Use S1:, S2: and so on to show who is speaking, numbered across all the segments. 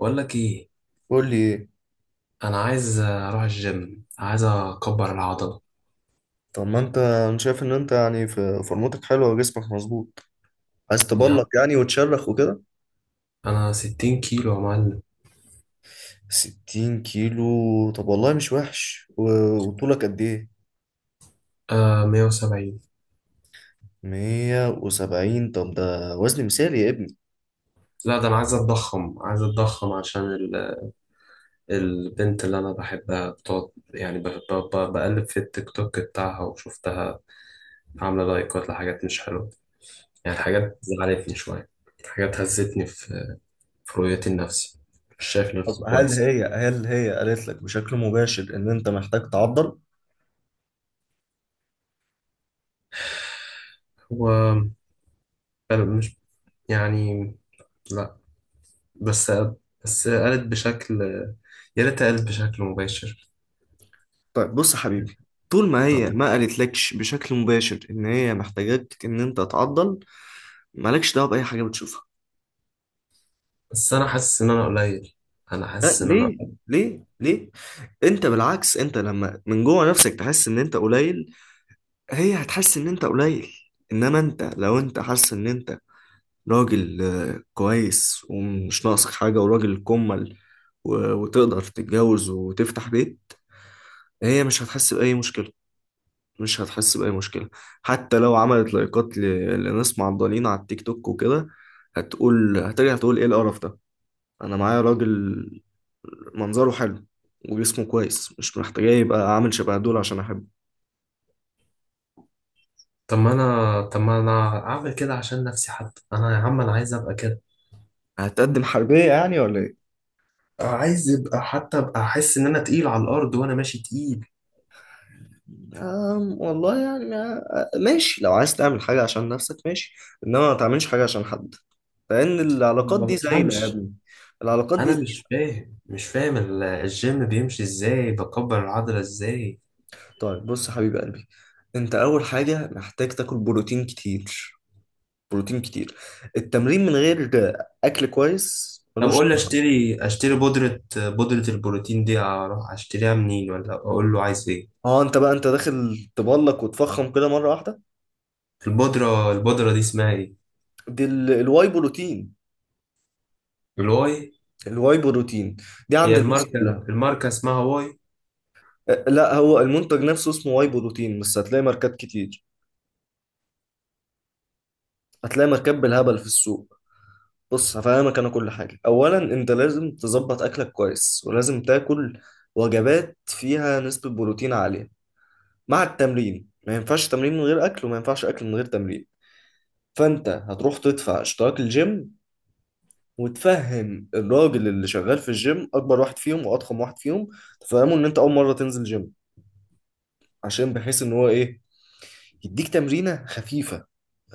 S1: بقول لك ايه؟
S2: قول لي ايه؟
S1: انا عايز اروح الجيم، عايز اكبر العضله.
S2: طب ما انت، انا شايف ان انت يعني في فورمتك حلوه وجسمك مظبوط، عايز
S1: يا عم،
S2: تبلق يعني وتشرخ وكده.
S1: انا 60 كيلو يا معلم.
S2: 60 كيلو؟ طب والله مش وحش، وطولك قد ايه؟
S1: آه، 170.
S2: 170؟ طب ده وزن مثالي يا ابني.
S1: لا، ده انا عايز اتضخم، عايز اتضخم عشان البنت اللي انا بحبها بتقعد يعني بقلب في التيك توك بتاعها، وشفتها عامله لايكات لحاجات مش حلوه. يعني
S2: حاج-
S1: حاجات زعلتني شويه، حاجات هزتني في في رؤيتي لنفسي. مش شايف نفسي
S2: طب هل
S1: كويس.
S2: هي هل هي قالت لك بشكل مباشر ان انت محتاج تعضل؟
S1: و مش يعني لا، بس، قالت بشكل، يا ريت قالت بشكل مباشر.
S2: طيب بص يا حبيبي، طول ما هي
S1: طبعا.
S2: ما قالتلكش بشكل مباشر ان هي محتاجاك ان انت تعضل، مالكش دعوه باي حاجه بتشوفها.
S1: بس انا حاسس ان انا قليل، انا
S2: لا
S1: حاسس ان انا.
S2: ليه، ليه؟ انت بالعكس، انت لما من جوه نفسك تحس ان انت قليل، هي هتحس ان انت قليل. انما انت لو انت حاسس ان انت راجل، كويس ومش ناقصك حاجة وراجل كمل، وتقدر تتجوز وتفتح بيت، هي مش هتحس بأي مشكلة. مش هتحس بأي مشكلة. حتى لو عملت لايكات لناس معضلين على التيك توك وكده، هتقول، هترجع تقول، ايه القرف ده، انا معايا راجل منظره حلو وجسمه كويس، مش محتاجة يبقى عامل شبه دول عشان احبه.
S1: طب ما انا اعمل كده عشان نفسي، حتى انا يا عم انا عايز ابقى كده.
S2: هتقدم حربية يعني ولا ايه؟
S1: عايز ابقى حتى ابقى احس ان انا تقيل على الارض، وانا ماشي تقيل.
S2: والله يعني ماشي، لو عايز تعمل حاجة عشان نفسك ماشي، انما ما تعملش حاجة عشان حد، لان العلاقات
S1: ما
S2: دي زايلة يا
S1: بفهمش،
S2: ابني. العلاقات دي
S1: انا
S2: زايلة.
S1: مش فاهم، مش فاهم الجيم بيمشي ازاي، بكبر العضله ازاي؟
S2: طيب بص يا حبيب قلبي، انت اول حاجة محتاج تاكل بروتين كتير. بروتين كتير. التمرين من غير اكل كويس
S1: طب
S2: ملوش.
S1: قول لي، اشتري بودره البروتين دي، اروح اشتريها منين، ولا اقول له عايز ايه؟
S2: اه انت بقى، انت داخل تبلك وتفخم كده مرة واحدة.
S1: البودرة دي اسمها ايه؟
S2: دي الواي بروتين.
S1: الواي.
S2: الواي بروتين دي
S1: هي
S2: عند الناس
S1: الماركة،
S2: كلها.
S1: الماركة اسمها واي؟
S2: لا، هو المنتج نفسه اسمه واي بروتين، بس هتلاقي ماركات كتير. هتلاقي ماركات بالهبل في السوق. بص هفهمك انا كل حاجه. اولا انت لازم تظبط اكلك كويس، ولازم تاكل وجبات فيها نسبه بروتين عاليه مع التمرين. ما ينفعش تمرين من غير اكل، وما ينفعش اكل من غير تمرين. فانت هتروح تدفع اشتراك الجيم، وتفهم الراجل اللي شغال في الجيم، اكبر واحد فيهم واضخم واحد فيهم، تفهمه ان انت اول مره تنزل جيم، عشان بحيث ان هو ايه، يديك تمرينة خفيفة.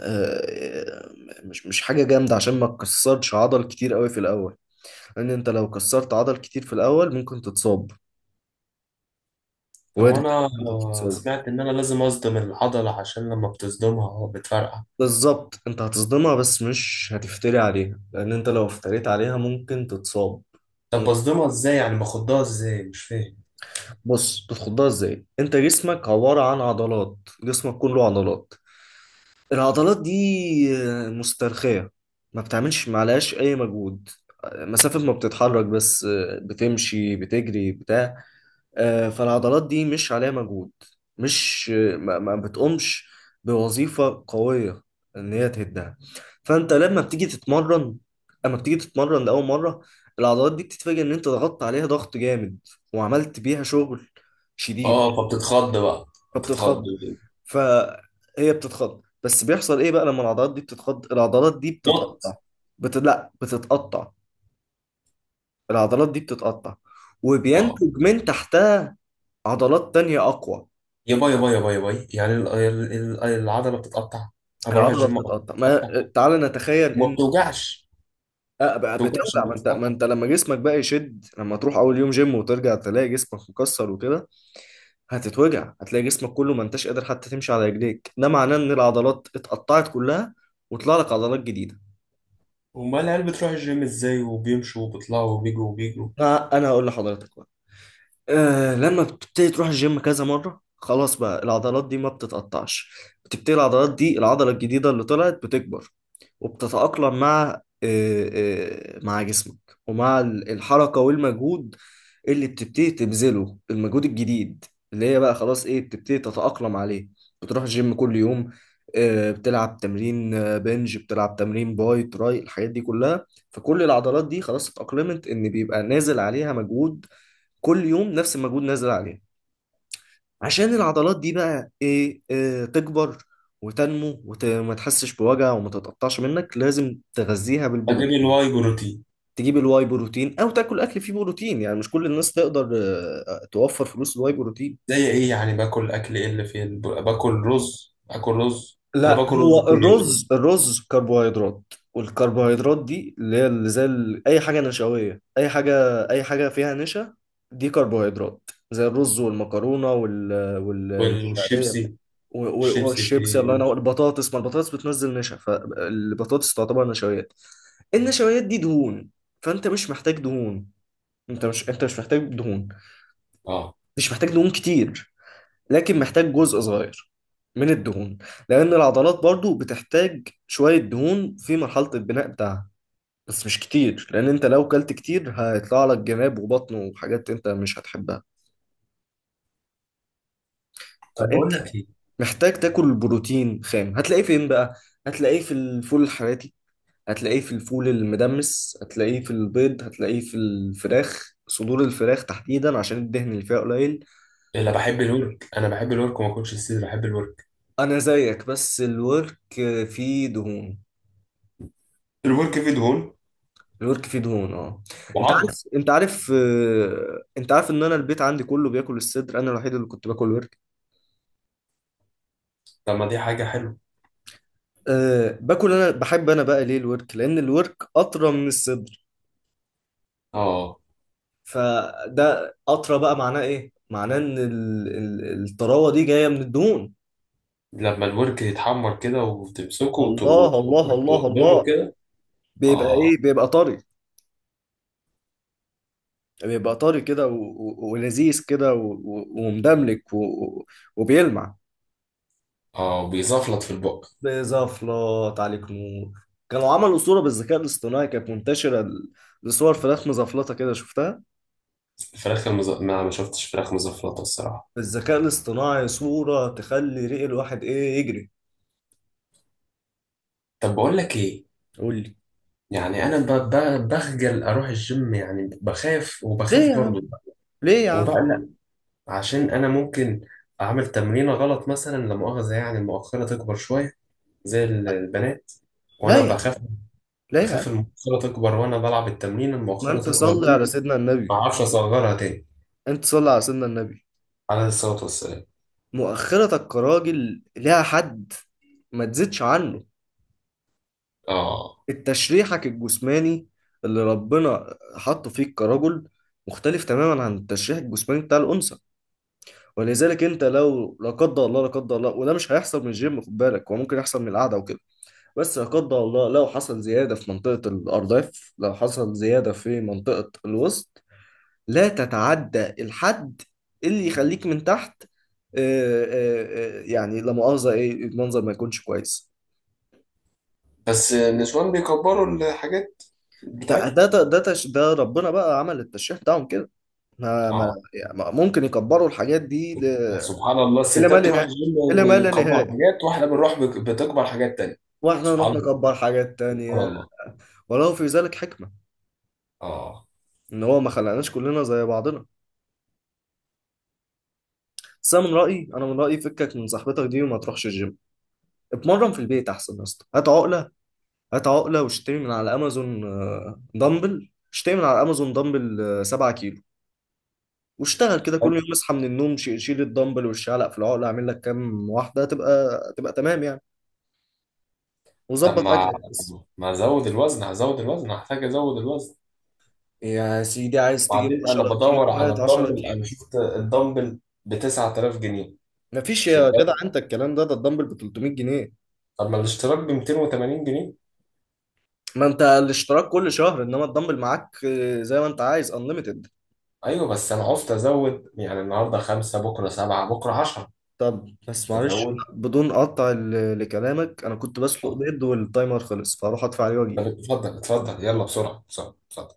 S2: آه، مش حاجة جامدة، عشان ما تكسرش عضل كتير قوي في الأول. لأن أنت لو كسرت عضل كتير في الأول ممكن تتصاب.
S1: طب ما
S2: وارد
S1: انا
S2: إن أنت تتصاب.
S1: سمعت ان انا لازم اصدم العضلة، عشان لما بتصدمها اه بتفرقع.
S2: بالظبط، أنت هتصدمها بس مش هتفتري عليها، لأن أنت لو افتريت عليها ممكن تتصاب.
S1: طب
S2: ممكن.
S1: بصدمها ازاي يعني، باخدها ازاي، مش فاهم.
S2: بص تتخضها ازاي. انت جسمك عبارة عن عضلات. جسمك كله عضلات. العضلات دي مسترخية، ما بتعملش، معلهاش أي مجهود. مسافة ما بتتحرك بس، بتمشي بتجري بتاع. فالعضلات دي مش عليها مجهود، مش ما بتقومش بوظيفة قوية إن هي تهدها. فأنت لما بتيجي تتمرن، أما بتيجي تتمرن لأول مرة، العضلات دي بتتفاجئ إن أنت ضغطت عليها ضغط جامد، وعملت بيها شغل شديد.
S1: اه، فبتتخض بقى. بتتخض.
S2: فبتتخض. فهي بتتخض. بس بيحصل ايه بقى لما العضلات دي بتتخض؟ العضلات دي
S1: نط.
S2: بتتقطع. لا، بتتقطع. العضلات دي بتتقطع،
S1: اه،
S2: وبينتج من تحتها عضلات تانية اقوى.
S1: يا باي يا باي يا باي يا باي، يعني العضلة بتتقطع؟ انا بروح
S2: العضلة
S1: الجيم أه،
S2: بتتقطع.
S1: بتتقطع؟
S2: ما تعال نتخيل
S1: ما
S2: ان
S1: بتوجعش؟
S2: بقى
S1: ما بتوجعش
S2: بتوجع.
S1: ما
S2: ما انت، ما
S1: بتتقطع؟
S2: انت لما جسمك بقى يشد، لما تروح اول يوم جيم وترجع تلاقي جسمك مكسر وكده، هتتوجع. هتلاقي جسمك كله ما انتش قادر حتى تمشي على رجليك. ده معناه ان العضلات اتقطعت كلها، وطلع لك عضلات جديدة.
S1: امال العيال بتروح الجيم ازاي، وبيمشوا وبيطلعوا وبيجوا وبيجوا؟
S2: فانا هقول لحضرتك، آه لما بتبتدي تروح الجيم كذا مرة، خلاص بقى العضلات دي ما بتتقطعش. بتبتدي العضلات دي، العضلة الجديدة اللي طلعت بتكبر وبتتأقلم مع مع جسمك ومع الحركة والمجهود اللي بتبتدي تبذله، المجهود الجديد اللي هي بقى خلاص ايه، بتبتدي تتأقلم عليه. بتروح الجيم كل يوم، آه بتلعب تمرين بنج، بتلعب تمرين باي تراي، الحاجات دي كلها، فكل العضلات دي خلاص اتأقلمت ان بيبقى نازل عليها مجهود. كل يوم نفس المجهود نازل عليه. عشان العضلات دي بقى إيه، تكبر وتنمو وما تحسش بوجع وما تتقطعش منك، لازم تغذيها
S1: اجيب
S2: بالبروتين.
S1: الواي بروتين.
S2: تجيب الواي بروتين او تاكل اكل فيه بروتين، يعني مش كل الناس تقدر توفر فلوس الواي بروتين.
S1: زي ايه يعني، باكل اكل ايه اللي فيه باكل رز، اكل رز؟ انا
S2: لا،
S1: باكل رز
S2: هو
S1: كل يوم.
S2: الرز، الرز كربوهيدرات. والكربوهيدرات دي اللي هي، اللي زي اي حاجه نشويه، اي حاجه، اي حاجه فيها نشا دي كربوهيدرات، زي الرز والمكرونه والشعريه
S1: والشيبسي. الشيبسي
S2: والشيبسي.
S1: فيه
S2: الله ينور،
S1: نص.
S2: البطاطس، ما البطاطس بتنزل نشا، فالبطاطس تعتبر نشويات. النشويات دي دهون، فانت مش محتاج دهون. انت مش محتاج دهون.
S1: اه.
S2: مش محتاج دهون كتير، لكن محتاج جزء صغير من الدهون، لان العضلات برضو بتحتاج شوية دهون في مرحلة البناء بتاعها. بس مش كتير، لان انت لو كلت كتير هيطلع لك جناب وبطن وحاجات انت مش هتحبها.
S1: طب
S2: فانت
S1: بقول لك ايه،
S2: محتاج تاكل بروتين خام. هتلاقيه فين بقى؟ هتلاقيه في الفول الحراتي، هتلاقيه في الفول المدمس، هتلاقيه في البيض، هتلاقيه في الفراخ، صدور الفراخ تحديدا عشان الدهن اللي فيها قليل.
S1: الا بحب
S2: هت-
S1: الورك، انا بحب الورك وما اكلش الصدر، بحب الورك.
S2: انا زيك، بس الورك فيه دهون.
S1: الورك فيه دهون.
S2: الورك فيه دهون اه. انت
S1: وعض
S2: عارف، انت عارف ان انا البيت عندي كله بياكل الصدر، انا الوحيد اللي كنت باكل ورك.
S1: طب ما دي حاجه حلوه.
S2: أه باكل، انا بحب، انا بقى ليه الورك؟ لان الورك اطرى من الصدر.
S1: اه.
S2: فده اطرى، بقى معناه ايه؟ معناه ان الطراوه دي جايه من الدهون.
S1: لما الورك يتحمر كده وتمسكه
S2: الله الله الله
S1: وتقدمه
S2: الله.
S1: كده.
S2: بيبقى
S1: اه.
S2: ايه؟ بيبقى طري. بيبقى طري كده ولذيذ كده ومدملك و- وبيلمع.
S1: اه، بيزفلط في البق.
S2: بزفلات عليك نور. كانوا عملوا صورة بالذكاء الاصطناعي كانت منتشرة لصور فراخ مزفلطة كده، شفتها؟
S1: ما ما شفتش فراخ مزفلطه الصراحه.
S2: بالذكاء الاصطناعي صورة تخلي ريق الواحد ايه، يجري.
S1: طب بقول لك ايه،
S2: قول لي.
S1: يعني انا بخجل اروح الجيم، يعني بخاف،
S2: ليه
S1: وبخاف
S2: يا عم،
S1: برضه،
S2: ليه يا عم.
S1: وبقلق. عشان انا ممكن اعمل تمرينه غلط مثلا، لا مؤاخذه، يعني المؤخره تكبر شويه زي البنات.
S2: لا
S1: وانا
S2: يا عم،
S1: بخاف
S2: لا يا
S1: اخاف
S2: عم.
S1: المؤخره تكبر، وانا بلعب التمرين
S2: ما
S1: المؤخره
S2: انت
S1: تكبر
S2: صلي
S1: مني،
S2: على سيدنا
S1: ما
S2: النبي.
S1: اعرفش اصغرها تاني.
S2: انت صلي على سيدنا النبي.
S1: عليه الصلاه والسلام.
S2: مؤخرتك كراجل ليها حد، ما تزيدش عنه.
S1: اه.
S2: التشريحك الجسماني اللي ربنا حطه فيك كرجل مختلف تماما عن التشريح الجسماني بتاع الأنثى. ولذلك انت لو لا قدر الله، لا قدر الله، وده مش هيحصل من الجيم، خد بالك، هو ممكن يحصل من القعده وكده. بس لا قدر الله لو حصل زياده في منطقه الارداف، لو حصل زياده في منطقه الوسط، لا تتعدى الحد اللي يخليك من تحت يعني لا مؤاخذه ايه، المنظر ما يكونش كويس.
S1: بس النسوان بيكبروا الحاجات بتاعتهم.
S2: ده ربنا بقى عمل التشريح بتاعهم كده. ما ما
S1: اه.
S2: يعني ممكن يكبروا الحاجات دي
S1: سبحان الله،
S2: إلى ما
S1: الستات
S2: لا
S1: تروح
S2: نهاية.
S1: الجيم
S2: إلى ما لا
S1: بيكبروا
S2: نهاية.
S1: حاجات، واحنا بنروح بتكبر حاجات تانية.
S2: وإحنا
S1: سبحان
S2: نروح
S1: الله.
S2: نكبر حاجات
S1: سبحان
S2: تانية.
S1: الله.
S2: ولو في ذلك حكمة،
S1: اه.
S2: إن هو ما خلقناش كلنا زي بعضنا. بس أنا من رأيي، فكك من صاحبتك دي وما تروحش الجيم. اتمرن في البيت أحسن يا اسطى. هات عقلة. هات عقلة، واشتري من على أمازون دمبل. اشتري من على أمازون دمبل 7 كيلو، واشتغل كده كل يوم. اصحى من النوم، شيل الدمبل والشعلق في العقلة، اعمل لك كام واحدة، تبقى تمام يعني.
S1: طب
S2: وظبط
S1: ما
S2: أكلك.
S1: ما ازود الوزن، هزود الوزن، هحتاج ازود الوزن.
S2: يا سيدي عايز تجيب
S1: وبعدين انا
S2: 10 كيلو،
S1: بدور على
S2: هات 10
S1: الدمبل،
S2: كيلو.
S1: انا شفت الدمبل ب 9000 جنيه،
S2: مفيش
S1: واخد
S2: يا جدع،
S1: بالك؟
S2: انت الكلام ده، ده الدمبل ب 300 جنيه.
S1: طب ما الاشتراك ب 280 جنيه.
S2: ما انت الاشتراك كل شهر، انما الدمبل معاك زي ما انت عايز، انليمتد.
S1: ايوه، بس انا عرفت ازود، يعني النهارده خمسه، بكره سبعه، بكره 10.
S2: طب بس معلش،
S1: ازود.
S2: بدون اقطع لكلامك، انا كنت بسلق
S1: اه.
S2: بيض والتايمر خلص، فاروح ادفع عليه
S1: طب
S2: واجيب
S1: اتفضل اتفضل، يلا بسرعه بسرعه اتفضل.